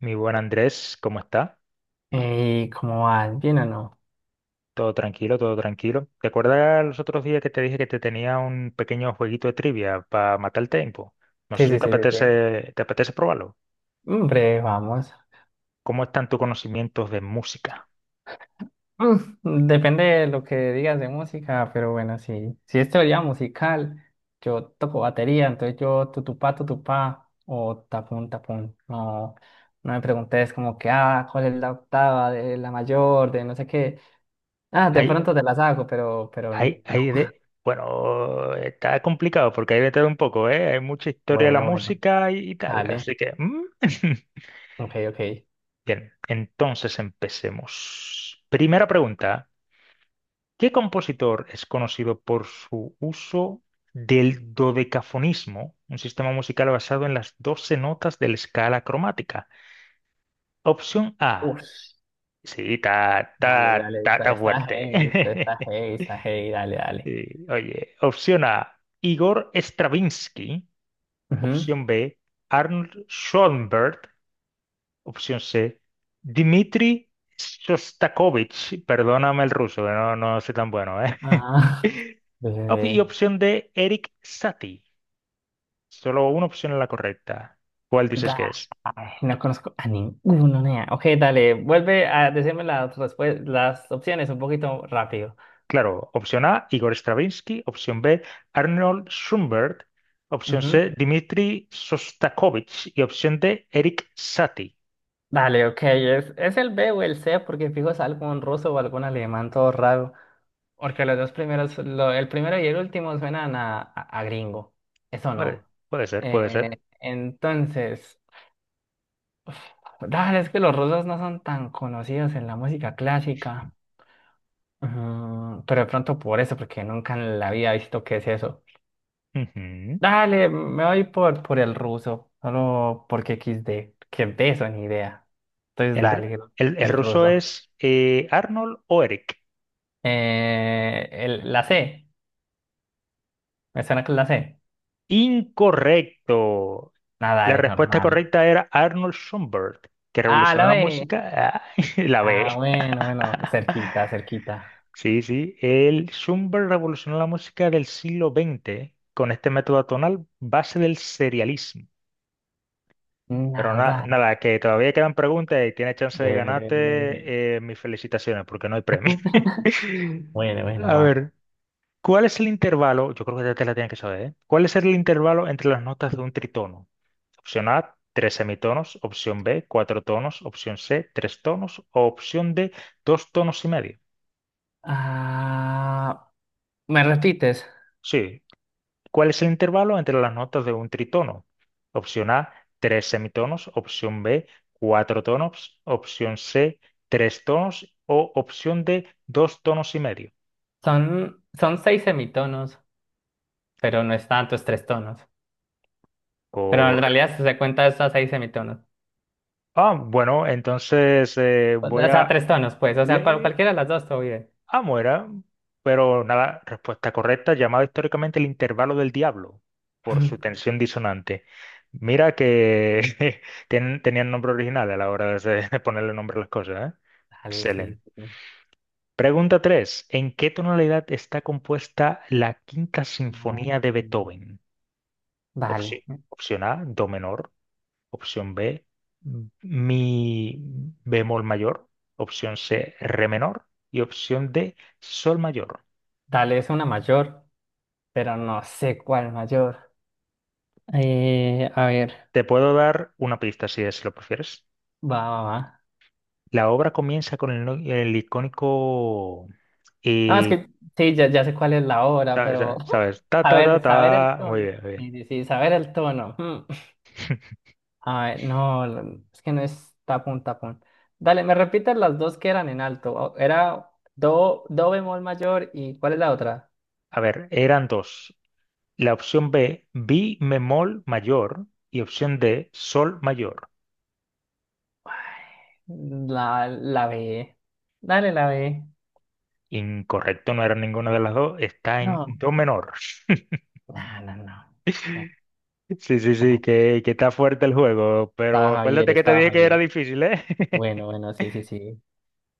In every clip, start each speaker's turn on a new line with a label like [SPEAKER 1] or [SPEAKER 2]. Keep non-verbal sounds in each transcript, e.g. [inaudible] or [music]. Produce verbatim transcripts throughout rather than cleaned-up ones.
[SPEAKER 1] Mi buen Andrés, ¿cómo está?
[SPEAKER 2] Eh, ¿cómo vas? ¿Bien o no?
[SPEAKER 1] Todo tranquilo, todo tranquilo. ¿Te acuerdas los otros días que te dije que te tenía un pequeño jueguito de trivia para matar el tiempo? No sé
[SPEAKER 2] Sí,
[SPEAKER 1] si
[SPEAKER 2] sí,
[SPEAKER 1] te
[SPEAKER 2] sí, sí, sí.
[SPEAKER 1] apetece, te apetece probarlo.
[SPEAKER 2] Hombre, vamos.
[SPEAKER 1] ¿Cómo están tus conocimientos de música?
[SPEAKER 2] Mm, depende de lo que digas de música, pero bueno, sí. Si es teoría musical, yo toco batería, entonces yo tutupá, tutupá o tapón, tapón. No, no me preguntes como que, ah, ¿cuál es la octava de la mayor, de no sé qué? Ah,
[SPEAKER 1] Sí.
[SPEAKER 2] de
[SPEAKER 1] Ahí,
[SPEAKER 2] pronto te las hago, pero, pero no.
[SPEAKER 1] ahí, ahí de... Bueno, está complicado porque hay de todo un poco, ¿eh? Hay mucha historia de la
[SPEAKER 2] Bueno, bueno,
[SPEAKER 1] música y, y tal,
[SPEAKER 2] dale.
[SPEAKER 1] así que mm. [laughs]
[SPEAKER 2] Ok, ok.
[SPEAKER 1] Bien, entonces empecemos. Primera pregunta. ¿Qué compositor es conocido por su uso del dodecafonismo, un sistema musical basado en las doce notas de la escala cromática? Opción A.
[SPEAKER 2] Uf,
[SPEAKER 1] Sí, ta,
[SPEAKER 2] dale,
[SPEAKER 1] ta,
[SPEAKER 2] dale,
[SPEAKER 1] ta,
[SPEAKER 2] está,
[SPEAKER 1] ta
[SPEAKER 2] está
[SPEAKER 1] fuerte.
[SPEAKER 2] heavy, está, está
[SPEAKER 1] [laughs]
[SPEAKER 2] heavy, está heavy, dale, dale.
[SPEAKER 1] Sí, oye, opción A, Igor Stravinsky.
[SPEAKER 2] Ujú.
[SPEAKER 1] Opción B, Arnold Schoenberg. Opción C, Dmitri Shostakovich. Perdóname el ruso, no, no soy tan bueno, ¿eh?
[SPEAKER 2] Ajá.
[SPEAKER 1] [laughs]
[SPEAKER 2] [laughs]
[SPEAKER 1] Op- Y
[SPEAKER 2] Veré.
[SPEAKER 1] opción D, Eric Satie. Solo una opción es la correcta. ¿Cuál dices
[SPEAKER 2] Da-
[SPEAKER 1] que es?
[SPEAKER 2] Ay, no conozco a ninguno, nea. Ok, dale, vuelve a decirme las, respue- las opciones un poquito rápido.
[SPEAKER 1] Claro, opción A, Igor Stravinsky. Opción B, Arnold Schoenberg. Opción
[SPEAKER 2] Ujú.
[SPEAKER 1] C, Dmitri Sostakovich. Y opción D, Eric Satie.
[SPEAKER 2] Dale, ok, es, es el B o el C, porque fijo es algún ruso o algún alemán todo raro. Porque los dos primeros, lo- el primero y el último suenan a, a, a gringo. Eso
[SPEAKER 1] Puede,
[SPEAKER 2] no.
[SPEAKER 1] puede ser, puede ser.
[SPEAKER 2] Eh, entonces, uf, dale, es que los rusos no son tan conocidos en la música clásica. Ujú. Pero de pronto por eso, porque nunca en la vida he visto qué es eso.
[SPEAKER 1] Ujú.
[SPEAKER 2] Dale, me voy por, por el ruso, solo porque equis de, que de eso ni idea. Entonces
[SPEAKER 1] El, r-
[SPEAKER 2] dale,
[SPEAKER 1] el- el
[SPEAKER 2] el
[SPEAKER 1] ruso
[SPEAKER 2] ruso.
[SPEAKER 1] es eh, Arnold o Eric.
[SPEAKER 2] Eh, el- la C, me suena que es la C.
[SPEAKER 1] Incorrecto.
[SPEAKER 2] Nada,
[SPEAKER 1] La
[SPEAKER 2] dale,
[SPEAKER 1] respuesta
[SPEAKER 2] normal.
[SPEAKER 1] correcta era Arnold Schoenberg, que
[SPEAKER 2] Ah,
[SPEAKER 1] revolucionó
[SPEAKER 2] la
[SPEAKER 1] la
[SPEAKER 2] B.
[SPEAKER 1] música. Ah, [laughs] la B.
[SPEAKER 2] Ah, bueno, bueno, cerquita, cerquita.
[SPEAKER 1] Sí, sí. El Schubert revolucionó la música del siglo veinte con este método atonal base del serialismo. Pero na-
[SPEAKER 2] Nada.
[SPEAKER 1] nada,
[SPEAKER 2] [laughs]
[SPEAKER 1] que todavía quedan preguntas y tienes chance de
[SPEAKER 2] Bre, bre, bre, bre.
[SPEAKER 1] ganarte eh, mis felicitaciones porque no hay premio. [laughs]
[SPEAKER 2] Bueno, bueno,
[SPEAKER 1] A
[SPEAKER 2] va.
[SPEAKER 1] ver, ¿cuál es el intervalo? Yo creo que ya te la tienen que saber, ¿eh? ¿Cuál es el intervalo entre las notas de un tritono? Opción A, tres semitonos. Opción B, cuatro tonos. Opción C, tres tonos. O opción D, dos tonos y medio.
[SPEAKER 2] Ah, ¿me repites?
[SPEAKER 1] Sí, ¿cuál es el intervalo entre las notas de un tritono? Opción A, tres semitonos. Opción B, cuatro tonos. Opción C, tres tonos. O opción D, dos tonos y medio.
[SPEAKER 2] Son, son seis semitonos, pero no es tanto, es tres tonos. Pero en
[SPEAKER 1] Correcto.
[SPEAKER 2] realidad, si se cuenta, es a seis semitonos.
[SPEAKER 1] Ah, bueno, entonces eh,
[SPEAKER 2] O
[SPEAKER 1] voy
[SPEAKER 2] o
[SPEAKER 1] a...
[SPEAKER 2] sea, tres tonos, pues. O sea,
[SPEAKER 1] le-
[SPEAKER 2] cual-
[SPEAKER 1] le-
[SPEAKER 2] cualquiera de las dos, todo bien.
[SPEAKER 1] Ah, muera. Pero nada, respuesta correcta, llamado históricamente el intervalo del diablo por su
[SPEAKER 2] [laughs]
[SPEAKER 1] tensión disonante. Mira que [laughs] ten- tenían nombre original a la hora de de ponerle nombre a las cosas, ¿eh?
[SPEAKER 2] Dale,
[SPEAKER 1] Excelente.
[SPEAKER 2] sí, sí.
[SPEAKER 1] Pregunta tres: ¿en qué tonalidad está compuesta la Quinta
[SPEAKER 2] No.
[SPEAKER 1] Sinfonía de Beethoven? Opción,
[SPEAKER 2] Dale.
[SPEAKER 1] opción A, do menor. Opción B, mi bemol mayor. Opción C, re menor. Y opción D, sol mayor.
[SPEAKER 2] Dale, es una mayor, pero no sé cuál mayor. Eh, a ver,
[SPEAKER 1] Te puedo dar una pista si es- si lo prefieres.
[SPEAKER 2] va, va, va.
[SPEAKER 1] La obra comienza con el, no- el icónico...
[SPEAKER 2] No, es
[SPEAKER 1] eh,
[SPEAKER 2] que sí, ya, ya sé cuál es la hora,
[SPEAKER 1] ta-
[SPEAKER 2] pero
[SPEAKER 1] ta-
[SPEAKER 2] [laughs]
[SPEAKER 1] ¿sabes? Ta, ta, ta,
[SPEAKER 2] saber, saber el
[SPEAKER 1] ta. Muy
[SPEAKER 2] tono.
[SPEAKER 1] bien, muy bien.
[SPEAKER 2] Sí, sí, sí, saber el tono. Mm.
[SPEAKER 1] [laughs]
[SPEAKER 2] Ay, no, l- es que no es tapón, tapón. Dale, me repitas las dos que eran en alto. O- Era do, do bemol mayor y ¿cuál es la otra?
[SPEAKER 1] A ver, eran dos. La opción B, mi bemol mayor, y opción D, sol mayor.
[SPEAKER 2] Ay, La, la B. Dale, la B.
[SPEAKER 1] Incorrecto, no era ninguna de las dos, está en
[SPEAKER 2] No,
[SPEAKER 1] do menor. [laughs]
[SPEAKER 2] no, no, no. O sea,
[SPEAKER 1] Sí, sí, sí,
[SPEAKER 2] está-
[SPEAKER 1] que, que está fuerte el juego,
[SPEAKER 2] Estaba
[SPEAKER 1] pero
[SPEAKER 2] Javier,
[SPEAKER 1] acuérdate que te
[SPEAKER 2] estaba
[SPEAKER 1] dije que era
[SPEAKER 2] Javier.
[SPEAKER 1] difícil, ¿eh? [laughs]
[SPEAKER 2] Bueno, bueno, sí, sí, sí.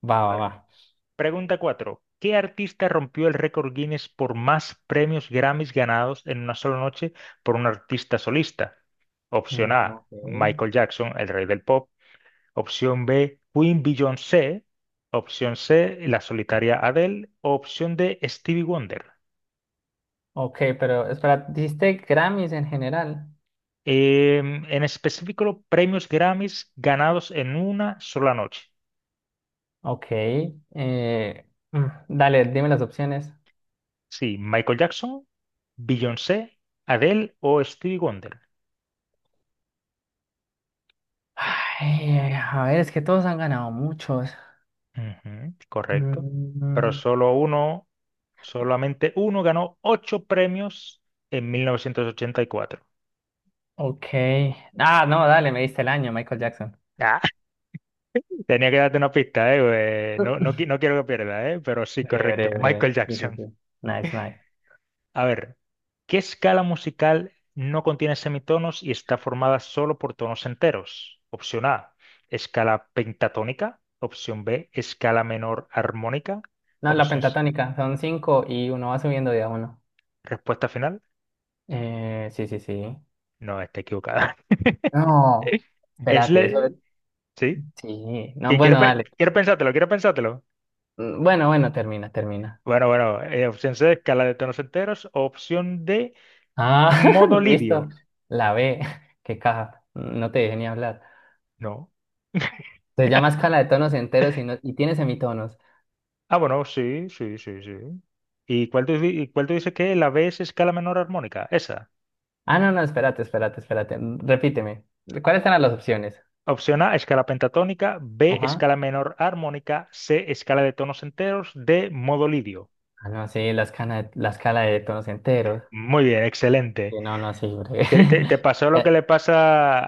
[SPEAKER 2] Va,
[SPEAKER 1] A
[SPEAKER 2] va,
[SPEAKER 1] ver,
[SPEAKER 2] va.
[SPEAKER 1] pregunta cuatro. ¿Qué artista rompió el récord Guinness por más premios Grammys ganados en una sola noche por un artista solista? Opción
[SPEAKER 2] Mm,
[SPEAKER 1] A,
[SPEAKER 2] ok.
[SPEAKER 1] Michael Jackson, el rey del pop. Opción B, Queen Beyoncé. Opción C, la solitaria Adele. Opción D, Stevie Wonder.
[SPEAKER 2] Ok, pero espera, ¿diste Grammys en general?
[SPEAKER 1] Em, en específico, los premios Grammys ganados en una sola noche.
[SPEAKER 2] Ok. eh, mm, dale, dime las opciones.
[SPEAKER 1] Sí, Michael Jackson, Beyoncé, Adele o Stevie Wonder.
[SPEAKER 2] Ay, a ver, es que todos han ganado muchos.
[SPEAKER 1] Ujú, correcto. Pero
[SPEAKER 2] Mm,
[SPEAKER 1] solo uno, solamente uno ganó ocho premios en mil novecientos ochenta y cuatro.
[SPEAKER 2] ok. Ah, no, dale, me diste el año, Michael Jackson.
[SPEAKER 1] Tenía que darte una pista, ¿eh? Eh, No, no, qui-
[SPEAKER 2] Breve,
[SPEAKER 1] no quiero que pierda, ¿eh? Pero sí, correcto.
[SPEAKER 2] breve, breve.
[SPEAKER 1] Michael
[SPEAKER 2] Sí, sí,
[SPEAKER 1] Jackson.
[SPEAKER 2] sí. Nice, nice.
[SPEAKER 1] A ver, ¿qué escala musical no contiene semitonos y está formada solo por tonos enteros? Opción A, escala pentatónica. Opción B, escala menor armónica.
[SPEAKER 2] No, la
[SPEAKER 1] Opción C,
[SPEAKER 2] pentatónica, son cinco y uno va subiendo de a uno.
[SPEAKER 1] respuesta final.
[SPEAKER 2] Eh, sí, sí, sí.
[SPEAKER 1] No, está equivocada. [laughs]
[SPEAKER 2] No,
[SPEAKER 1] Es
[SPEAKER 2] espérate, eso.
[SPEAKER 1] le... ¿Sí?
[SPEAKER 2] Sí, no,
[SPEAKER 1] Que Quiero,
[SPEAKER 2] bueno,
[SPEAKER 1] pe-
[SPEAKER 2] dale.
[SPEAKER 1] quiero pensártelo, quiero pensártelo.
[SPEAKER 2] Mm, Bueno, bueno, termina, termina.
[SPEAKER 1] Bueno, bueno, eh, opción C, escala de tonos enteros. Opción D,
[SPEAKER 2] Ah,
[SPEAKER 1] modo
[SPEAKER 2] [laughs] listo.
[SPEAKER 1] lidio.
[SPEAKER 2] La B, [laughs] qué caja. No te dejé ni hablar.
[SPEAKER 1] No.
[SPEAKER 2] Se llama escala de tonos enteros y, no- y tiene semitonos.
[SPEAKER 1] Ah, bueno, sí, sí, sí, sí. ¿Y cuál tú, di- y cuál tú dices que la B es escala menor armónica? Esa.
[SPEAKER 2] Ah, no, no, espérate, espérate, espérate. mm, Repíteme. ¿Cuáles eran las opciones?
[SPEAKER 1] Opción A, escala pentatónica. B,
[SPEAKER 2] Ajá.
[SPEAKER 1] escala menor armónica. C, escala de tonos enteros. D, modo lidio.
[SPEAKER 2] Ah, no, sí, la escala la escala de tonos enteros.
[SPEAKER 1] Muy bien, excelente.
[SPEAKER 2] Sí, no, no, sí, breve.
[SPEAKER 1] ¿Te, te- te
[SPEAKER 2] [laughs]
[SPEAKER 1] pasó lo que
[SPEAKER 2] Eh,
[SPEAKER 1] le pasa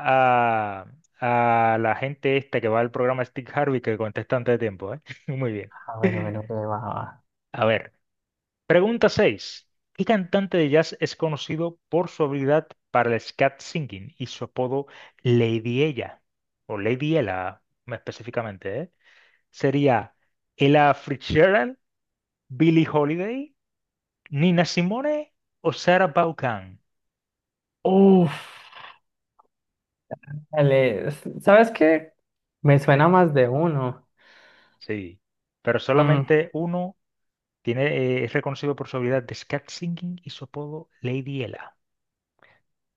[SPEAKER 1] a, a la gente esta que va al programa Stick Harvey, que contesta antes de tiempo, ¿eh? [laughs] Muy bien.
[SPEAKER 2] ah, bueno, bueno, breve, va, va.
[SPEAKER 1] A ver. Pregunta seis: ¿qué cantante de jazz es conocido por su habilidad para el scat singing y su apodo Lady Ella? O Lady Ella, más específicamente, ¿eh? ¿Sería Ella Fitzgerald, Billie Holiday, Nina Simone o Sarah Vaughan?
[SPEAKER 2] Uf, dale. s- ¿Sabes qué? Me suena más de uno.
[SPEAKER 1] Sí, pero
[SPEAKER 2] Mm,
[SPEAKER 1] solamente uno tiene, eh, es reconocido por su habilidad de scat singing y su apodo Lady Ella.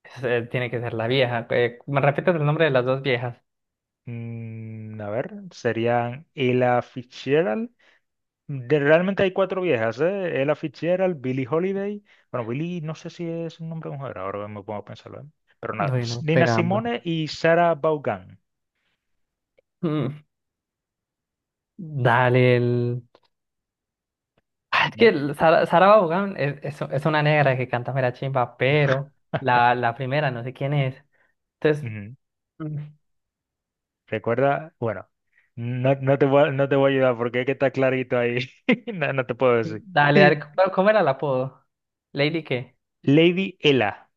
[SPEAKER 2] es, eh, tiene que ser la vieja. Eh, ¿me repites el nombre de las dos viejas?
[SPEAKER 1] Mm, a ver, ¿serían Ella Fitzgerald? De- realmente hay cuatro viejas, ¿eh? Ella Fitzgerald, Billie Holiday. Bueno, Billie no sé si es un nombre de mujer, ahora me pongo a pensarlo, ¿eh? Pero nada, S-
[SPEAKER 2] Bueno,
[SPEAKER 1] Nina
[SPEAKER 2] pegamba.
[SPEAKER 1] Simone y Sarah Vaughan.
[SPEAKER 2] Mm, dale. Ah, es
[SPEAKER 1] Me-
[SPEAKER 2] que Sara, Sara Vaughan es, es, es una negra que canta mera chimba, pero
[SPEAKER 1] [laughs]
[SPEAKER 2] la, la primera no sé quién es. Entonces,
[SPEAKER 1] Ujú.
[SPEAKER 2] mm,
[SPEAKER 1] Recuerda, bueno, no, no te voy a, no te voy a ayudar porque es que está clarito ahí. [laughs] No, no te puedo decir.
[SPEAKER 2] dale, dale,
[SPEAKER 1] [laughs]
[SPEAKER 2] ¿cómo ¿cómo era el apodo? ¿Lady qué?
[SPEAKER 1] Lady Ella.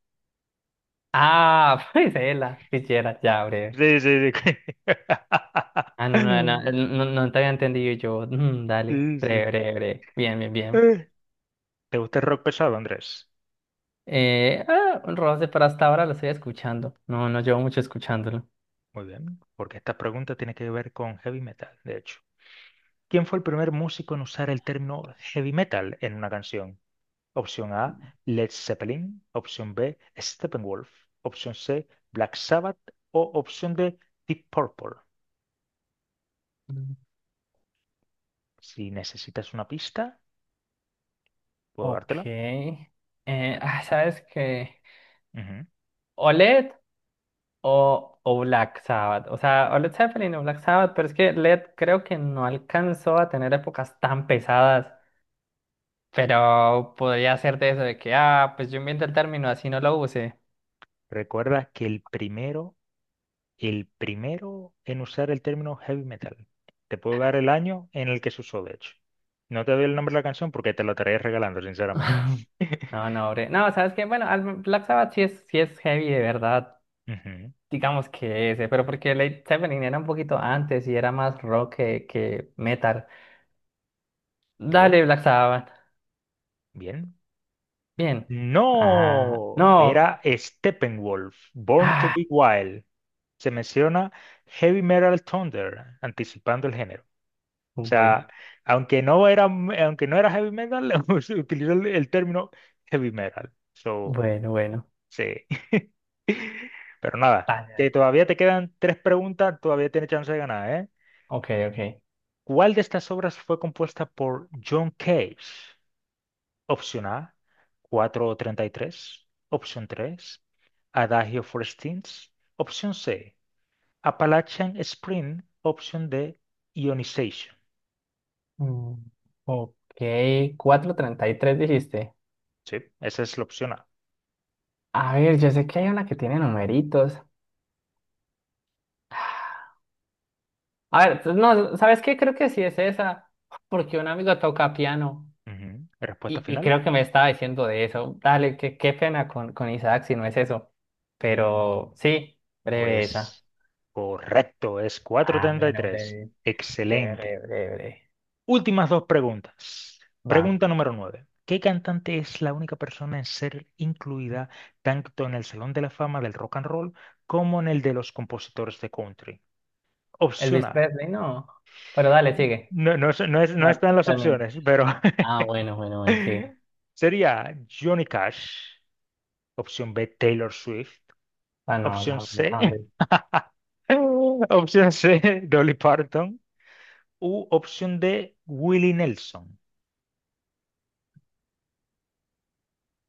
[SPEAKER 2] Ah, [laughs] pues ella, Fitzgerald, ya, breve.
[SPEAKER 1] Sí, sí, sí.
[SPEAKER 2] Ah, no, no, no,
[SPEAKER 1] [laughs]
[SPEAKER 2] no, no te había entendido yo. Mm, dale,
[SPEAKER 1] Sí,
[SPEAKER 2] breve,
[SPEAKER 1] sí.
[SPEAKER 2] breve, breve. Bien, bien, bien.
[SPEAKER 1] Eh. ¿Te gusta el rock pesado, Andrés?
[SPEAKER 2] Eh, ah, un roce, pero hasta ahora lo estoy escuchando. No, no llevo mucho escuchándolo.
[SPEAKER 1] Muy bien, porque esta pregunta tiene que ver con heavy metal, de hecho. ¿Quién fue el primer músico en usar el término heavy metal en una canción? Opción A, Led Zeppelin. Opción B, Steppenwolf. Opción C, Black Sabbath. O opción D, Deep Purple.
[SPEAKER 2] Mm.
[SPEAKER 1] Si necesitas una pista, puedo
[SPEAKER 2] Ok.
[SPEAKER 1] dártela.
[SPEAKER 2] Eh, ah, ¿sabes qué?
[SPEAKER 1] Ujú.
[SPEAKER 2] o led O, o Black Sabbath. O sea, o Led Zeppelin o Black Sabbath, pero es que Led creo que no alcanzó a tener épocas tan pesadas, pero podría ser de eso, de que, ah, pues yo invento el término, así no lo use.
[SPEAKER 1] Recuerda que el primero, el primero en usar el término heavy metal. Te puedo dar el año en el que se usó, de hecho. No te doy el nombre de la canción porque te la estaré regalando, sinceramente.
[SPEAKER 2] [laughs]
[SPEAKER 1] [laughs]
[SPEAKER 2] No, no, bre. No, ¿sabes que? Bueno, al- Black Sabbath sí es, sí es heavy de verdad,
[SPEAKER 1] Ujú.
[SPEAKER 2] digamos que ese, pero porque Led Zeppelin era un poquito antes y era más rock que, que metal.
[SPEAKER 1] Muy bien,
[SPEAKER 2] Dale, Black Sabbath.
[SPEAKER 1] bien.
[SPEAKER 2] Bien. Ah,
[SPEAKER 1] No,
[SPEAKER 2] no.
[SPEAKER 1] era Steppenwolf, Born to
[SPEAKER 2] Ah,
[SPEAKER 1] Be Wild. Se menciona Heavy Metal Thunder, anticipando el género. O
[SPEAKER 2] uy.
[SPEAKER 1] sea, aunque no era, aunque no era heavy metal, [laughs] se utilizó el, el término heavy metal. So,
[SPEAKER 2] Bueno, bueno.
[SPEAKER 1] sí. [laughs] Pero nada,
[SPEAKER 2] Dale,
[SPEAKER 1] que
[SPEAKER 2] dale.
[SPEAKER 1] todavía te quedan tres preguntas, todavía tienes chance de ganar, ¿eh?
[SPEAKER 2] Ok, ok.
[SPEAKER 1] ¿Cuál de estas obras fue compuesta por John Cage? Opción A, cuatrocientos treinta y tres. Opción tres. Adagio Forestines. Opción C, Appalachian Spring. Opción D, Ionization.
[SPEAKER 2] Mm, ok, cuatrocientos treinta y tres dijiste.
[SPEAKER 1] Sí, esa es la opción A.
[SPEAKER 2] A ver, yo sé que hay una que tiene numeritos. A ver, pues, no, ¿sabes qué? Creo que sí es esa, porque un amigo toca piano
[SPEAKER 1] Ujú. Respuesta
[SPEAKER 2] y, y
[SPEAKER 1] final.
[SPEAKER 2] creo que me estaba diciendo de eso. Dale, qué, qué pena con, con Isaac si no es eso. Pero sí, breve esa.
[SPEAKER 1] Pues correcto, es
[SPEAKER 2] Ah, bueno,
[SPEAKER 1] cuatro treinta y tres.
[SPEAKER 2] breve,
[SPEAKER 1] Excelente.
[SPEAKER 2] breve, breve, breve, breve.
[SPEAKER 1] Últimas dos preguntas.
[SPEAKER 2] Va.
[SPEAKER 1] Pregunta número nueve. ¿Qué cantante es la única persona en ser incluida tanto en el Salón de la Fama del Rock and Roll como en el de los compositores de country? Opción
[SPEAKER 2] Elvis
[SPEAKER 1] A.
[SPEAKER 2] Presley, no. Pero dale, sigue.
[SPEAKER 1] No, no, es- no, es- no
[SPEAKER 2] No,
[SPEAKER 1] están las
[SPEAKER 2] termina.
[SPEAKER 1] opciones, pero [laughs]
[SPEAKER 2] Ah, bueno, bueno, bueno, sigue.
[SPEAKER 1] sería Johnny Cash. Opción B, Taylor Swift.
[SPEAKER 2] Ah, no,
[SPEAKER 1] Opción
[SPEAKER 2] la,
[SPEAKER 1] C,
[SPEAKER 2] la-
[SPEAKER 1] [laughs] opción C, Dolly Parton. U opción D, Willie Nelson.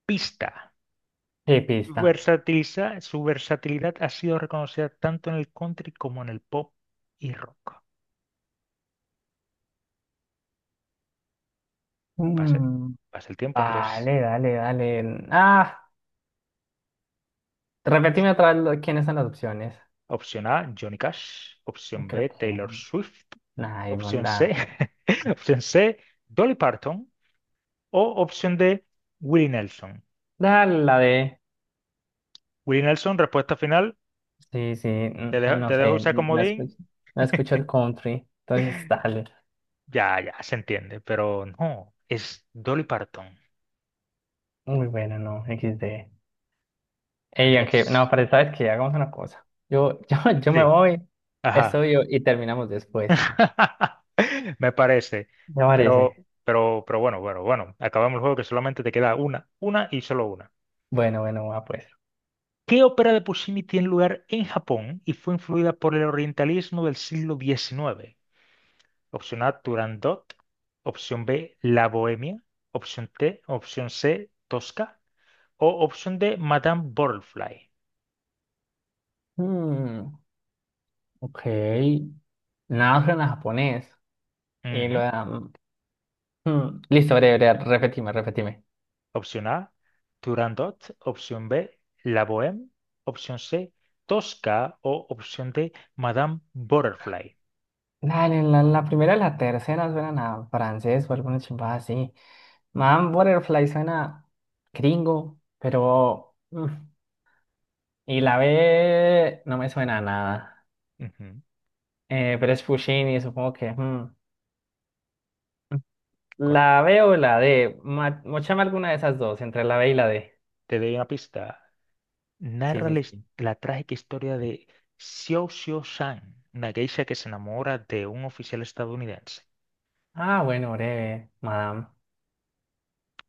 [SPEAKER 1] Pista.
[SPEAKER 2] Sí,
[SPEAKER 1] Su
[SPEAKER 2] pista.
[SPEAKER 1] versatiliza- su versatilidad ha sido reconocida tanto en el country como en el pop y rock. Pasa,
[SPEAKER 2] Mm,
[SPEAKER 1] pasa el tiempo, Andrés.
[SPEAKER 2] Vale, dale, dale. Ah, repetime otra vez lo- quiénes son las opciones.
[SPEAKER 1] Opción A, Johnny Cash. Opción
[SPEAKER 2] Creo
[SPEAKER 1] B,
[SPEAKER 2] que.
[SPEAKER 1] Taylor
[SPEAKER 2] No.
[SPEAKER 1] Swift.
[SPEAKER 2] Ay,
[SPEAKER 1] Opción C,
[SPEAKER 2] manda.
[SPEAKER 1] [laughs] opción C, Dolly Parton. O opción D, Willie Nelson.
[SPEAKER 2] Dale la de.
[SPEAKER 1] Willie Nelson, respuesta final.
[SPEAKER 2] Sí, sí, n-
[SPEAKER 1] Te
[SPEAKER 2] eh,
[SPEAKER 1] dejo,
[SPEAKER 2] no
[SPEAKER 1] te
[SPEAKER 2] sé,
[SPEAKER 1] dejo
[SPEAKER 2] n-
[SPEAKER 1] usar
[SPEAKER 2] no escucho,
[SPEAKER 1] comodín.
[SPEAKER 2] no escucho el country. Entonces,
[SPEAKER 1] [laughs]
[SPEAKER 2] dale.
[SPEAKER 1] Ya, ya, se entiende, pero no, es Dolly Parton,
[SPEAKER 2] Muy bueno, no, equis de. Ey, aunque, no,
[SPEAKER 1] Andrés.
[SPEAKER 2] pero sabes que hagamos una cosa. Yo, [laughs] yo, yo me
[SPEAKER 1] Sí,
[SPEAKER 2] voy,
[SPEAKER 1] ajá.
[SPEAKER 2] estudio y terminamos después.
[SPEAKER 1] [laughs] Me parece.
[SPEAKER 2] ¿Te
[SPEAKER 1] Pero,
[SPEAKER 2] parece?
[SPEAKER 1] pero, pero bueno, bueno, bueno. Acabamos el juego, que solamente te queda una, una y solo una.
[SPEAKER 2] Bueno, bueno, va pues.
[SPEAKER 1] ¿Qué ópera de Puccini tiene lugar en Japón y fue influida por el orientalismo del siglo diecinueve? Opción A, Turandot. Opción B, La Bohemia. Opción T, opción C, Tosca. O opción D, Madame Butterfly.
[SPEAKER 2] Mm, ok. Nada suena a japonés. Y lo
[SPEAKER 1] Ujú.
[SPEAKER 2] de... mm, Listo, breve, breve, repetime, repetime.
[SPEAKER 1] Opción A, Turandot. Opción B, La Bohème. Opción C, Tosca. O opción D, Madame Butterfly.
[SPEAKER 2] La, la, la primera y la tercera suenan a francés o alguna chimpada así. Man Butterfly suena gringo, pero... mm, y la B no me suena a nada.
[SPEAKER 1] Ujú,
[SPEAKER 2] Eh, pero es Puccini, supongo que... mm. mm. La
[SPEAKER 1] correcto.
[SPEAKER 2] B o la D. Ma- Mochame alguna de esas dos, entre la B y la D.
[SPEAKER 1] Te doy una pista.
[SPEAKER 2] Sí,
[SPEAKER 1] Narra la,
[SPEAKER 2] sí,
[SPEAKER 1] his-
[SPEAKER 2] sí.
[SPEAKER 1] la trágica historia de Xiao Xiao Shan, una geisha que se enamora de un oficial estadounidense.
[SPEAKER 2] Ah, bueno, breve, madame.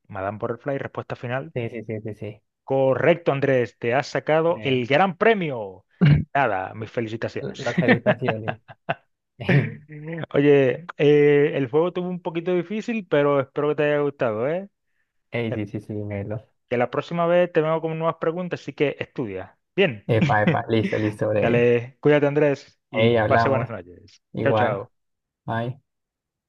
[SPEAKER 1] Madame Butterfly, respuesta final.
[SPEAKER 2] Sí, sí, sí, sí, sí.
[SPEAKER 1] Correcto, Andrés. Te has sacado
[SPEAKER 2] Eh,
[SPEAKER 1] el gran premio.
[SPEAKER 2] [laughs]
[SPEAKER 1] Nada, mis felicitaciones.
[SPEAKER 2] las
[SPEAKER 1] [laughs]
[SPEAKER 2] felicitaciones. [laughs]
[SPEAKER 1] Oye, eh, el juego estuvo un poquito difícil, pero espero que te haya gustado, ¿eh?
[SPEAKER 2] Ey,
[SPEAKER 1] Es-
[SPEAKER 2] sí, sí, sí, Melo.
[SPEAKER 1] Que la próxima vez te vengo con nuevas preguntas, así que estudia. Bien.
[SPEAKER 2] Epa,
[SPEAKER 1] [laughs]
[SPEAKER 2] epa, listo, listo, breve.
[SPEAKER 1] Dale, cuídate, Andrés, y
[SPEAKER 2] Ey,
[SPEAKER 1] pase
[SPEAKER 2] hablamos.
[SPEAKER 1] buenas noches. Chao,
[SPEAKER 2] Igual.
[SPEAKER 1] chao.
[SPEAKER 2] Bye.